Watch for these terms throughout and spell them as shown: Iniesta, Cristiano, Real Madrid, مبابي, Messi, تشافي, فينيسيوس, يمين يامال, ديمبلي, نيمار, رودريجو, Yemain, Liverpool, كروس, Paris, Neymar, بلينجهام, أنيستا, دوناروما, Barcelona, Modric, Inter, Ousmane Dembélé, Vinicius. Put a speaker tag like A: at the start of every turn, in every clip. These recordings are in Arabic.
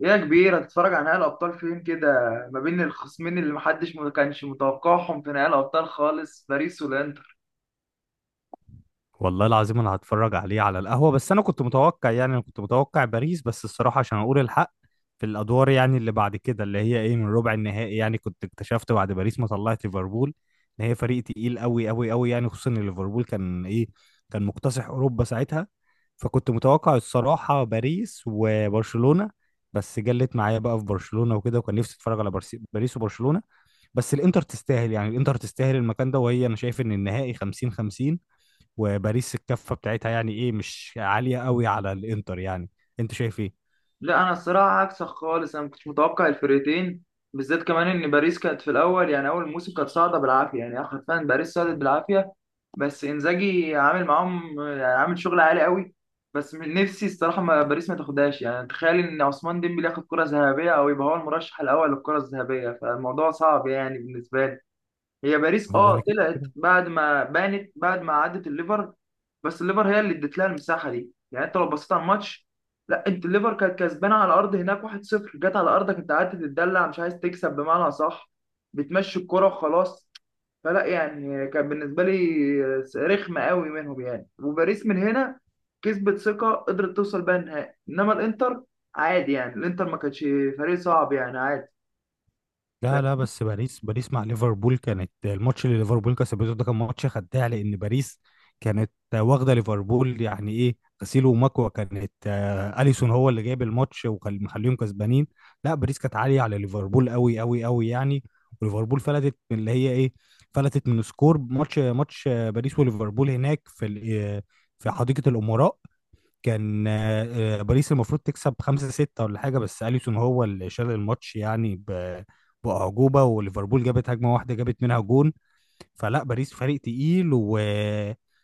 A: ايه يا كبير، هتتفرج على نهائي الابطال فين كده؟ ما بين الخصمين اللي محدش ما كانش متوقعهم في نهائي الابطال خالص، باريس والانتر.
B: والله العظيم، انا هتفرج عليه على القهوة، بس انا كنت متوقع، يعني انا كنت متوقع باريس، بس الصراحة عشان اقول الحق في الادوار، يعني اللي بعد كده، اللي هي ايه من ربع النهائي، يعني كنت اكتشفت بعد باريس ما طلعت ليفربول ان هي فريق تقيل قوي قوي قوي، يعني خصوصا ان ليفربول كان ايه، كان مكتسح اوروبا ساعتها. فكنت متوقع الصراحة باريس وبرشلونة. بس جلت معايا بقى في برشلونة وكده، وكان نفسي اتفرج على باريس وبرشلونة. بس الانتر تستاهل، يعني الانتر تستاهل المكان ده، وهي انا شايف ان النهائي 50-50، وباريس الكفه بتاعتها يعني ايه مش عاليه قوي على الانتر يعني. انت شايف ايه؟
A: لا انا الصراحه عكسك خالص، انا ما كنتش متوقع الفرقتين بالذات، كمان ان باريس كانت في الاول يعني اول موسم كانت صاعده بالعافيه، يعني حرفيا باريس صعدت بالعافيه، بس انزاجي عامل معاهم يعني عامل شغل عالي قوي. بس من نفسي الصراحه، ما باريس ما تاخدهاش يعني، تخيل ان عثمان ديمبلي ياخد كره ذهبيه او يبقى هو المرشح الاول للكره الذهبيه، فالموضوع صعب يعني بالنسبه لي. هي باريس
B: هو انا
A: اه
B: كده
A: طلعت
B: كده.
A: بعد ما بانت بعد ما عدت الليفر، بس الليفر هي اللي ادت لها المساحه دي، يعني انت لو بصيت على الماتش، لا انت الليفر كانت كسبانه على الارض هناك 1-0، جت على ارضك انت قعدت تتدلع، مش عايز تكسب بمعنى صح، بتمشي الكرة وخلاص. فلا يعني كان بالنسبه لي رخمه قوي منهم يعني، وباريس من هنا كسبت ثقه قدرت توصل بقى النهائي، انما الانتر عادي يعني، الانتر ما كانش فريق صعب يعني، عادي.
B: لا لا، بس باريس باريس مع ليفربول، كانت الماتش اللي ليفربول كسبته ده كان ماتش خداع، لان باريس كانت واخده ليفربول يعني ايه، غسيل ومكوى. كانت اليسون هو اللي جايب الماتش ومخليهم كسبانين. لا، باريس كانت عاليه على ليفربول قوي قوي قوي يعني. وليفربول فلتت من اللي هي ايه، فلتت من سكور ماتش باريس وليفربول هناك، في حديقه الامراء. كان باريس المفروض تكسب خمسة ستة ولا حاجة، بس أليسون هو اللي شال الماتش يعني بأعجوبة. وليفربول جابت هجمة واحدة جابت منها جون. فلا، باريس فريق تقيل و...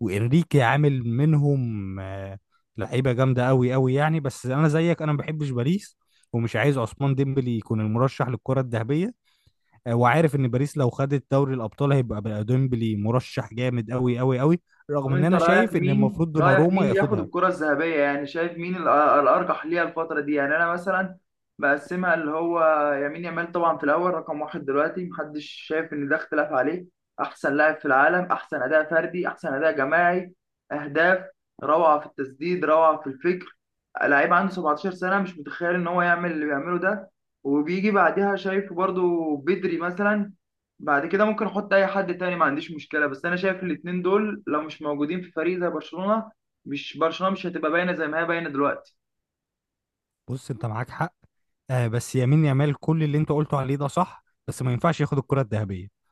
B: وإنريكي عامل منهم لعيبة جامدة أوي أوي يعني. بس أنا زيك، أنا ما بحبش باريس، ومش عايز عثمان ديمبلي يكون المرشح للكرة الذهبية. وعارف إن باريس لو خدت دوري الأبطال هيبقى بقى ديمبلي مرشح جامد أوي أوي أوي، رغم
A: طب
B: إن
A: انت
B: أنا
A: رايك
B: شايف إن
A: مين،
B: المفروض
A: رايك
B: دوناروما
A: مين اللي ياخد
B: ياخدها.
A: الكره الذهبيه يعني؟ شايف مين الارجح ليها الفتره دي؟ يعني انا مثلا بقسمها، اللي هو يمين يامال طبعا في الاول رقم واحد دلوقتي، محدش شايف ان ده اختلاف عليه. احسن لاعب في العالم، احسن اداء فردي، احسن اداء جماعي، اهداف، روعه في التسديد، روعه في الفكر. لعيب عنده 17 سنه، مش متخيل ان هو يعمل اللي بيعمله ده. وبيجي بعدها شايف برضو بدري مثلا. بعد كده ممكن احط اي حد تاني، ما عنديش مشكله، بس انا شايف الاتنين دول لو مش موجودين في فريق زي برشلونه، مش برشلونه مش هتبقى باينه زي ما هي باينه دلوقتي.
B: بص، انت معاك حق. آه، بس يمين يامال كل اللي انت قلته عليه ده صح، بس ما ينفعش ياخد الكرة الذهبية.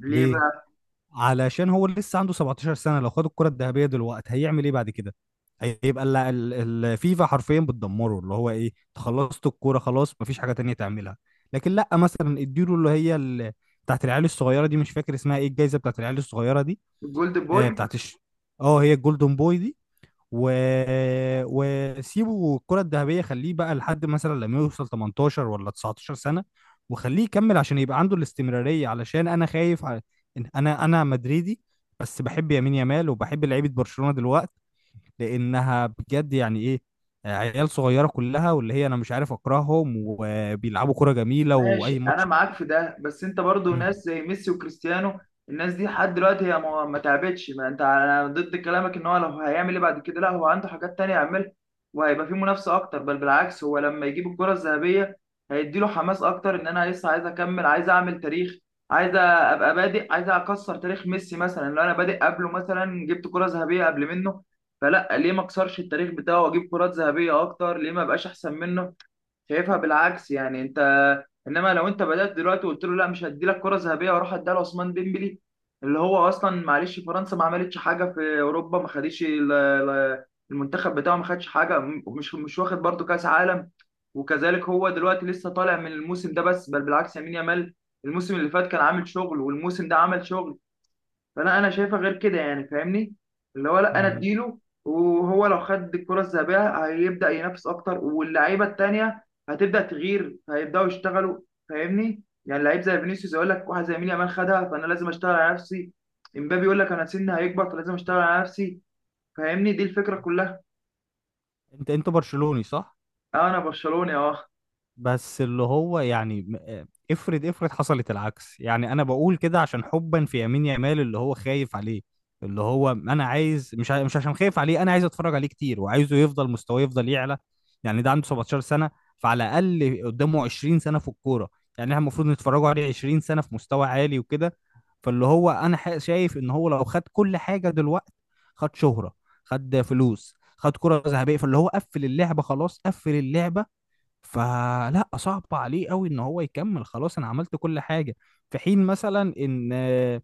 A: ليه
B: ليه؟
A: بقى؟
B: علشان هو لسه عنده 17 سنة. لو خد الكرة الذهبية دلوقتي هيعمل ايه بعد كده؟ هيبقى الفيفا حرفيا بتدمره، اللي هو ايه، انت خلصت الكورة خلاص، مفيش حاجة تانية تعملها. لكن لا، مثلا اديله اللي هي بتاعت العيال الصغيرة دي، مش فاكر اسمها ايه، الجايزة بتاعت العيال الصغيرة دي.
A: الجولد بوي.
B: بتاعت اه، هي الجولدن بوي دي، و وسيبه الكرة الذهبية، خليه بقى لحد مثلا لما يوصل 18 ولا 19 سنة، وخليه يكمل عشان يبقى عنده الاستمرارية، علشان أنا خايف على إن أنا مدريدي. بس بحب يمين يامال، وبحب لعيبة برشلونة دلوقتي، لأنها بجد يعني إيه، عيال صغيرة كلها، واللي هي أنا مش عارف أكرههم، وبيلعبوا كرة جميلة وأي
A: ماشي انا
B: ماتش.
A: معاك في ده، بس انت برضو ناس
B: مم.
A: زي ميسي وكريستيانو، الناس دي لحد دلوقتي هي ما تعبتش، ما انت انا ضد كلامك ان هو لو هيعمل ايه بعد كده. لا هو عنده حاجات تانية يعملها، وهيبقى فيه منافسة اكتر، بل بالعكس هو لما يجيب الكرة الذهبية هيديله حماس اكتر، ان انا لسه عايز اكمل، عايز اعمل تاريخ، عايز ابقى بادئ، عايز اكسر تاريخ ميسي مثلا لو انا بادئ قبله، مثلا جبت كرة ذهبية قبل منه. فلا ليه ما اكسرش التاريخ بتاعه واجيب كرات ذهبية اكتر؟ ليه ما ابقاش احسن منه؟ شايفها بالعكس يعني انت. انما لو انت بدات دلوقتي وقلت له لا مش هدي لك كره ذهبيه واروح اديها لعثمان ديمبلي، اللي هو اصلا معلش فرنسا ما عملتش حاجه في اوروبا، ما خدش المنتخب بتاعه ما خدش حاجه، مش واخد برضه كاس عالم. وكذلك هو دلوقتي لسه طالع من الموسم ده، بس بل بالعكس يمين يامال، الموسم اللي فات كان عامل شغل والموسم ده عمل شغل. فانا انا شايفها غير كده يعني، فاهمني؟ اللي هو لا انا
B: مم.
A: اديله، وهو لو خد الكره الذهبيه هيبدا ينافس اكتر، واللعيبه التانيه هتبدا تغير، هيبداوا يشتغلوا. فاهمني؟ يعني لعيب زي فينيسيوس يقول لك واحد زي مين يامال خدها، فانا لازم اشتغل على نفسي. امبابي يقول لك انا سني هيكبر فلازم اشتغل على نفسي. فاهمني؟ دي الفكره كلها.
B: أنت برشلوني صح؟
A: انا برشلوني اه.
B: بس اللي هو يعني افرض حصلت العكس، يعني انا بقول كده عشان حبا في يمين يمال اللي هو خايف عليه. اللي هو انا عايز، مش مش عشان خايف عليه، انا عايز اتفرج عليه كتير، وعايزه يفضل مستواه يفضل يعلى. يعني ده عنده 17 سنة، فعلى الاقل قدامه 20 سنة في الكورة. يعني احنا المفروض نتفرجوا عليه 20 سنة في مستوى عالي وكده. فاللي هو انا شايف ان هو لو خد كل حاجة دلوقتي، خد شهرة، خد فلوس، خد كرة ذهبية، فاللي هو قفل اللعبة، خلاص قفل اللعبة. فلا، صعب عليه قوي ان هو يكمل، خلاص انا عملت كل حاجه. في حين مثلا ان آه،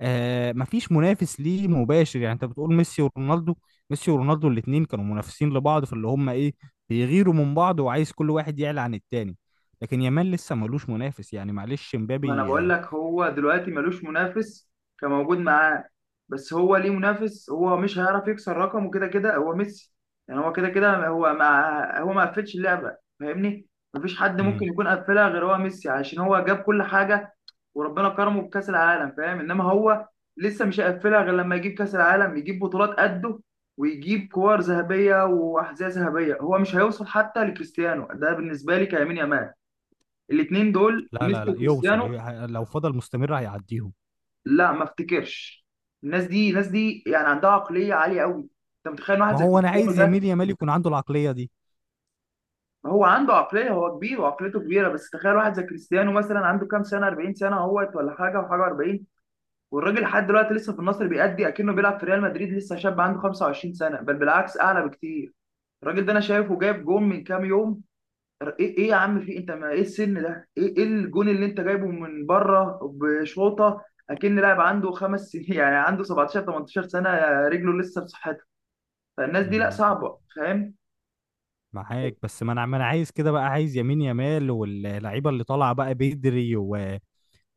B: آه، مفيش منافس ليه مباشر، يعني انت بتقول ميسي ورونالدو، ميسي ورونالدو الاثنين كانوا منافسين لبعض في اللي هم ايه، بيغيروا من بعض، وعايز كل واحد يعلى عن التاني. لكن يامال لسه ملوش منافس، يعني معلش
A: ما انا
B: مبابي
A: بقول لك هو دلوقتي ملوش منافس كموجود معاه، بس هو ليه منافس؟ هو مش هيعرف يكسر رقمه كده كده هو ميسي، يعني هو كده كده هو ما قفلش اللعبه، فاهمني؟ مفيش حد ممكن
B: مم،
A: يكون قفلها غير هو ميسي، عشان هو جاب كل حاجه وربنا كرمه بكاس العالم، فاهم؟ انما هو لسه مش هيقفلها غير لما يجيب كاس العالم، يجيب بطولات قده، ويجيب كور ذهبيه واحذيه ذهبيه. هو مش هيوصل حتى لكريستيانو، ده بالنسبه لي كيمين يامال، الاثنين دول
B: لا لا
A: ميسي
B: لا، يوصل،
A: وكريستيانو.
B: لو فضل مستمر هيعديهم.
A: لا ما افتكرش. الناس دي، الناس دي يعني عندها عقليه عاليه قوي. انت متخيل واحد
B: ما
A: زي
B: هو انا
A: كريستيانو
B: عايز يميل
A: ده؟
B: يامال يكون عنده العقليه دي.
A: هو عنده عقليه، هو كبير وعقليته كبيره، بس تخيل واحد زي كريستيانو مثلا عنده كام سنه؟ 40 سنه اهوت، ولا حاجه وحاجه 40، والراجل لحد دلوقتي لسه في النصر بيأدي اكنه بيلعب في ريال مدريد، لسه شاب عنده 25 سنه، بل بالعكس اعلى بكتير. الراجل ده انا شايفه جايب جون من كام يوم، ايه ايه يا عم في انت، ما ايه السن ده؟ ايه ايه الجون اللي انت جايبه من بره بشوطه؟ اكن لاعب عنده خمس سنين يعني عنده 17 18 سنه، رجله لسه في صحتها. فالناس دي لا
B: مم،
A: صعبه، فاهم؟
B: معاك، بس ما انا عايز كده بقى، عايز يمين يمال واللعيبه اللي طالعه بقى بدري و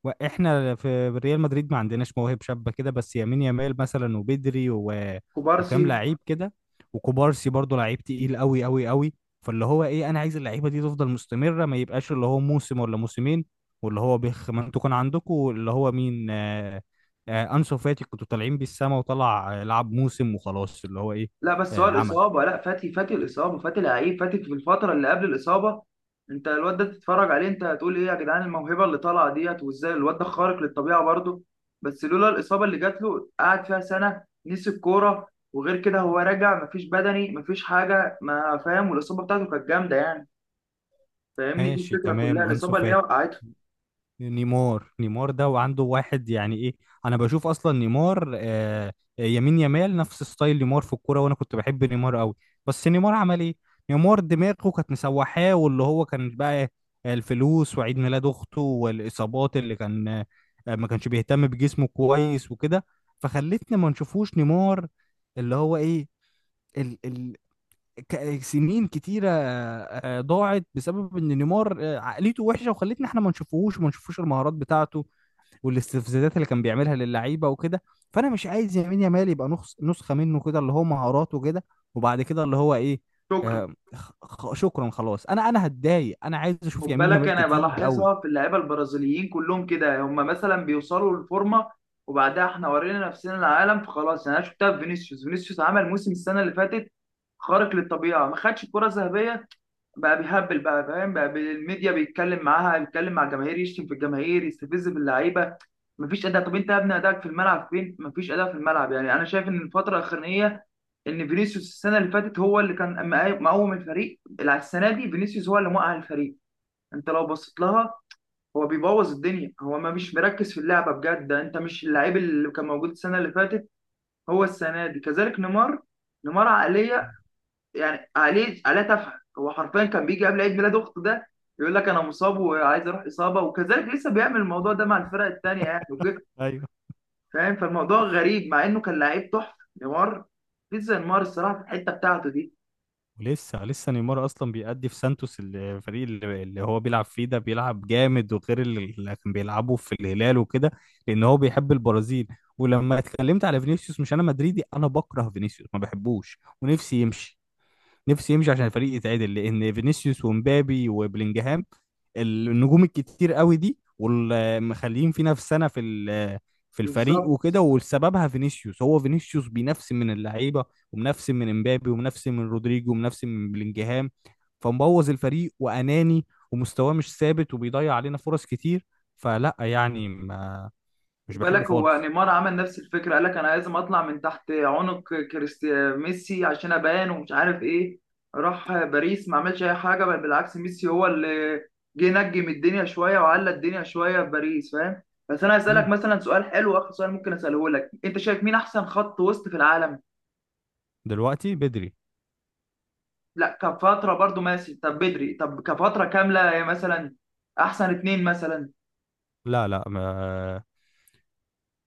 B: واحنا في ريال مدريد ما عندناش مواهب شابه كده، بس يمين يمال مثلا وبدري و وكام
A: كوبارسي.
B: لعيب كده، وكوبارسي برضو لعيب تقيل قوي قوي قوي. فاللي هو ايه، انا عايز اللعيبه دي تفضل مستمره، ما يبقاش اللي هو موسم ولا موسمين. واللي هو بيخ، ما انتوا كان عندكم اللي هو مين، انسو فاتي، كنتوا طالعين بيه السما، وطلع لعب موسم وخلاص، اللي هو ايه.
A: لا بس هو
B: عمل
A: الإصابة، لا فاتي فاتي الإصابة، فاتي لعيب، فاتي في الفترة اللي قبل الإصابة. أنت الواد ده تتفرج عليه أنت هتقول إيه يا جدعان؟ الموهبة اللي طالعة ديت، وإزاي الواد ده خارق للطبيعة برضه. بس لولا الإصابة اللي جات له قعد فيها سنة، نسي الكورة، وغير كده هو راجع مفيش بدني مفيش حاجة، ما فاهم؟ والإصابة بتاعته كانت جامدة يعني. فاهمني؟ دي
B: ماشي
A: الفكرة
B: تمام.
A: كلها،
B: انسو
A: الإصابة اللي هي
B: فاتي،
A: وقعته.
B: نيمار، نيمار ده، وعنده واحد يعني ايه. انا بشوف اصلا نيمار يمين يمال نفس ستايل نيمار في الكوره، وانا كنت بحب نيمار قوي. بس نيمار عمل ايه؟ نيمار دماغه كانت مسوحاه، واللي هو كان بقى الفلوس وعيد ميلاد اخته والاصابات اللي كان. ما كانش بيهتم بجسمه كويس وكده. فخلتنا ما نشوفوش نيمار، اللي هو ايه، سنين كتيرة ضاعت بسبب ان نيمار عقليته وحشة، وخلتنا احنا ما نشوفوش، وما نشوفوش المهارات بتاعته، والاستفزازات اللي كان بيعملها للعيبة وكده. فانا مش عايز يمين يامال يبقى نسخة منه كده، اللي هو مهاراته كده، وبعد كده اللي هو ايه،
A: شكرا.
B: شكرا خلاص، انا هتضايق، انا عايز
A: خد
B: اشوف يمين
A: بالك
B: يامال
A: انا
B: كتير قوي.
A: بلاحظها في اللعيبه البرازيليين كلهم كده، هم مثلا بيوصلوا للفورمه وبعدها احنا ورينا نفسنا العالم فخلاص يعني. انا شفتها في فينيسيوس، فينيسيوس عمل موسم السنه اللي فاتت خارق للطبيعه، ما خدش الكره الذهبيه، بقى بيهبل بقى، فاهم؟ بقى الميديا بيتكلم معاها، بيتكلم مع الجماهير، يشتم في الجماهير، يستفز باللعيبه، مفيش اداء. طب انت يا ابني ادائك في الملعب فين؟ مفيش اداء في الملعب يعني. انا شايف ان الفتره الاخرانيه، ان فينيسيوس السنه اللي فاتت هو اللي كان مقاوم الفريق، السنه دي فينيسيوس هو اللي موقع الفريق. انت لو بصيت لها، هو بيبوظ الدنيا، هو ما مش مركز في اللعبه بجد، انت مش اللعيب اللي كان موجود السنه اللي فاتت. هو السنه دي كذلك نيمار، نيمار عقليه يعني عقليه، عقليه تافهه، هو حرفيا كان بيجي قبل عيد ميلاد اخته ده يقول لك انا مصاب وعايز اروح اصابه، وكذلك لسه بيعمل الموضوع ده مع الفرق التانيه يعني وكده.
B: ايوه.
A: فاهم؟ فالموضوع غريب مع انه كان لعيب تحفه نيمار، في زي نيمار الصراحه في الحته بتاعته دي.
B: ولسه لسه نيمار اصلا بيأدي في سانتوس، الفريق اللي هو بيلعب فيه ده، بيلعب جامد وغير اللي كان بيلعبه في الهلال وكده، لان هو بيحب البرازيل. ولما اتكلمت على فينيسيوس، مش انا مدريدي، انا بكره فينيسيوس ما بحبوش، ونفسي يمشي، نفسي يمشي عشان الفريق يتعدل، لان فينيسيوس ومبابي وبلينجهام النجوم الكتير قوي دي، والمخليين في نفس سنه في الفريق
A: بالظبط.
B: وكده، وسببها فينيسيوس، هو فينيسيوس بينفسن من اللعيبه، ومنفسن من امبابي، ومنفسن من رودريجو، ومنفسن من بلينجهام. فمبوظ الفريق واناني، ومستواه مش ثابت، وبيضيع علينا فرص كتير. فلا يعني، ما
A: خد
B: مش
A: بالك
B: بحبه
A: هو
B: خالص.
A: نيمار عمل نفس الفكره، قال لك انا لازم اطلع من تحت عنق كريستيانو ميسي عشان ابان ومش عارف ايه، راح باريس ما عملش اي حاجه، بل بالعكس ميسي هو اللي جه نجم الدنيا شويه وعلى الدنيا شويه في باريس، فاهم؟ بس انا هسالك
B: مم.
A: مثلا سؤال حلو، اخر سؤال ممكن اساله لك، انت شايف مين احسن خط وسط في العالم؟
B: دلوقتي بدري.
A: لا كفتره برضو ماشي، طب بدري، طب كفتره كامله مثلا، احسن اتنين مثلا.
B: لا لا، ما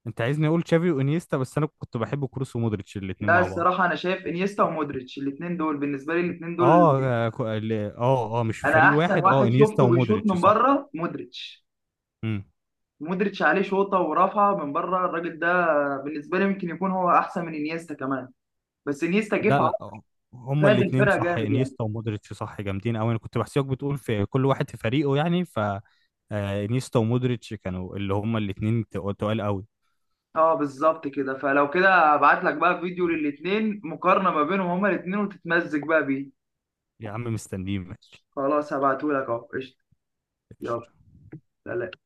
B: انت عايزني اقول تشافي وانيستا، بس انا كنت بحب كروس ومودريتش الاتنين
A: لا
B: مع بعض.
A: الصراحه انا شايف انيستا ومودريتش، الاتنين دول بالنسبه لي، الاتنين دول
B: مش في
A: انا
B: فريق
A: احسن
B: واحد، اه
A: واحد
B: انيستا
A: شفته بيشوط
B: ومودريتش
A: من
B: صح.
A: بره مودريتش،
B: امم
A: مودريتش عليه شوطه ورفعه من بره الراجل ده، بالنسبه لي ممكن يكون هو احسن من انيستا كمان، بس انيستا جه
B: لا
A: في عرض
B: لا، هما
A: فاد
B: الاثنين
A: الفرقه
B: صح،
A: جامد يعني.
B: انيستا ومودريتش صح، جامدين قوي، انا كنت بحسيبك بتقول في كل واحد في فريقه يعني ف انيستا ومودريتش كانوا، اللي هما الاثنين تقال قوي.
A: اه بالظبط كده، فلو كده هبعت لك بقى فيديو للاثنين مقارنه ما بينهم هما الاثنين وتتمزج بقى بيه.
B: يا عم مستنيين ماشي.
A: خلاص هبعته لك اهو، قشطه. يلا.
B: قشطة.
A: سلام.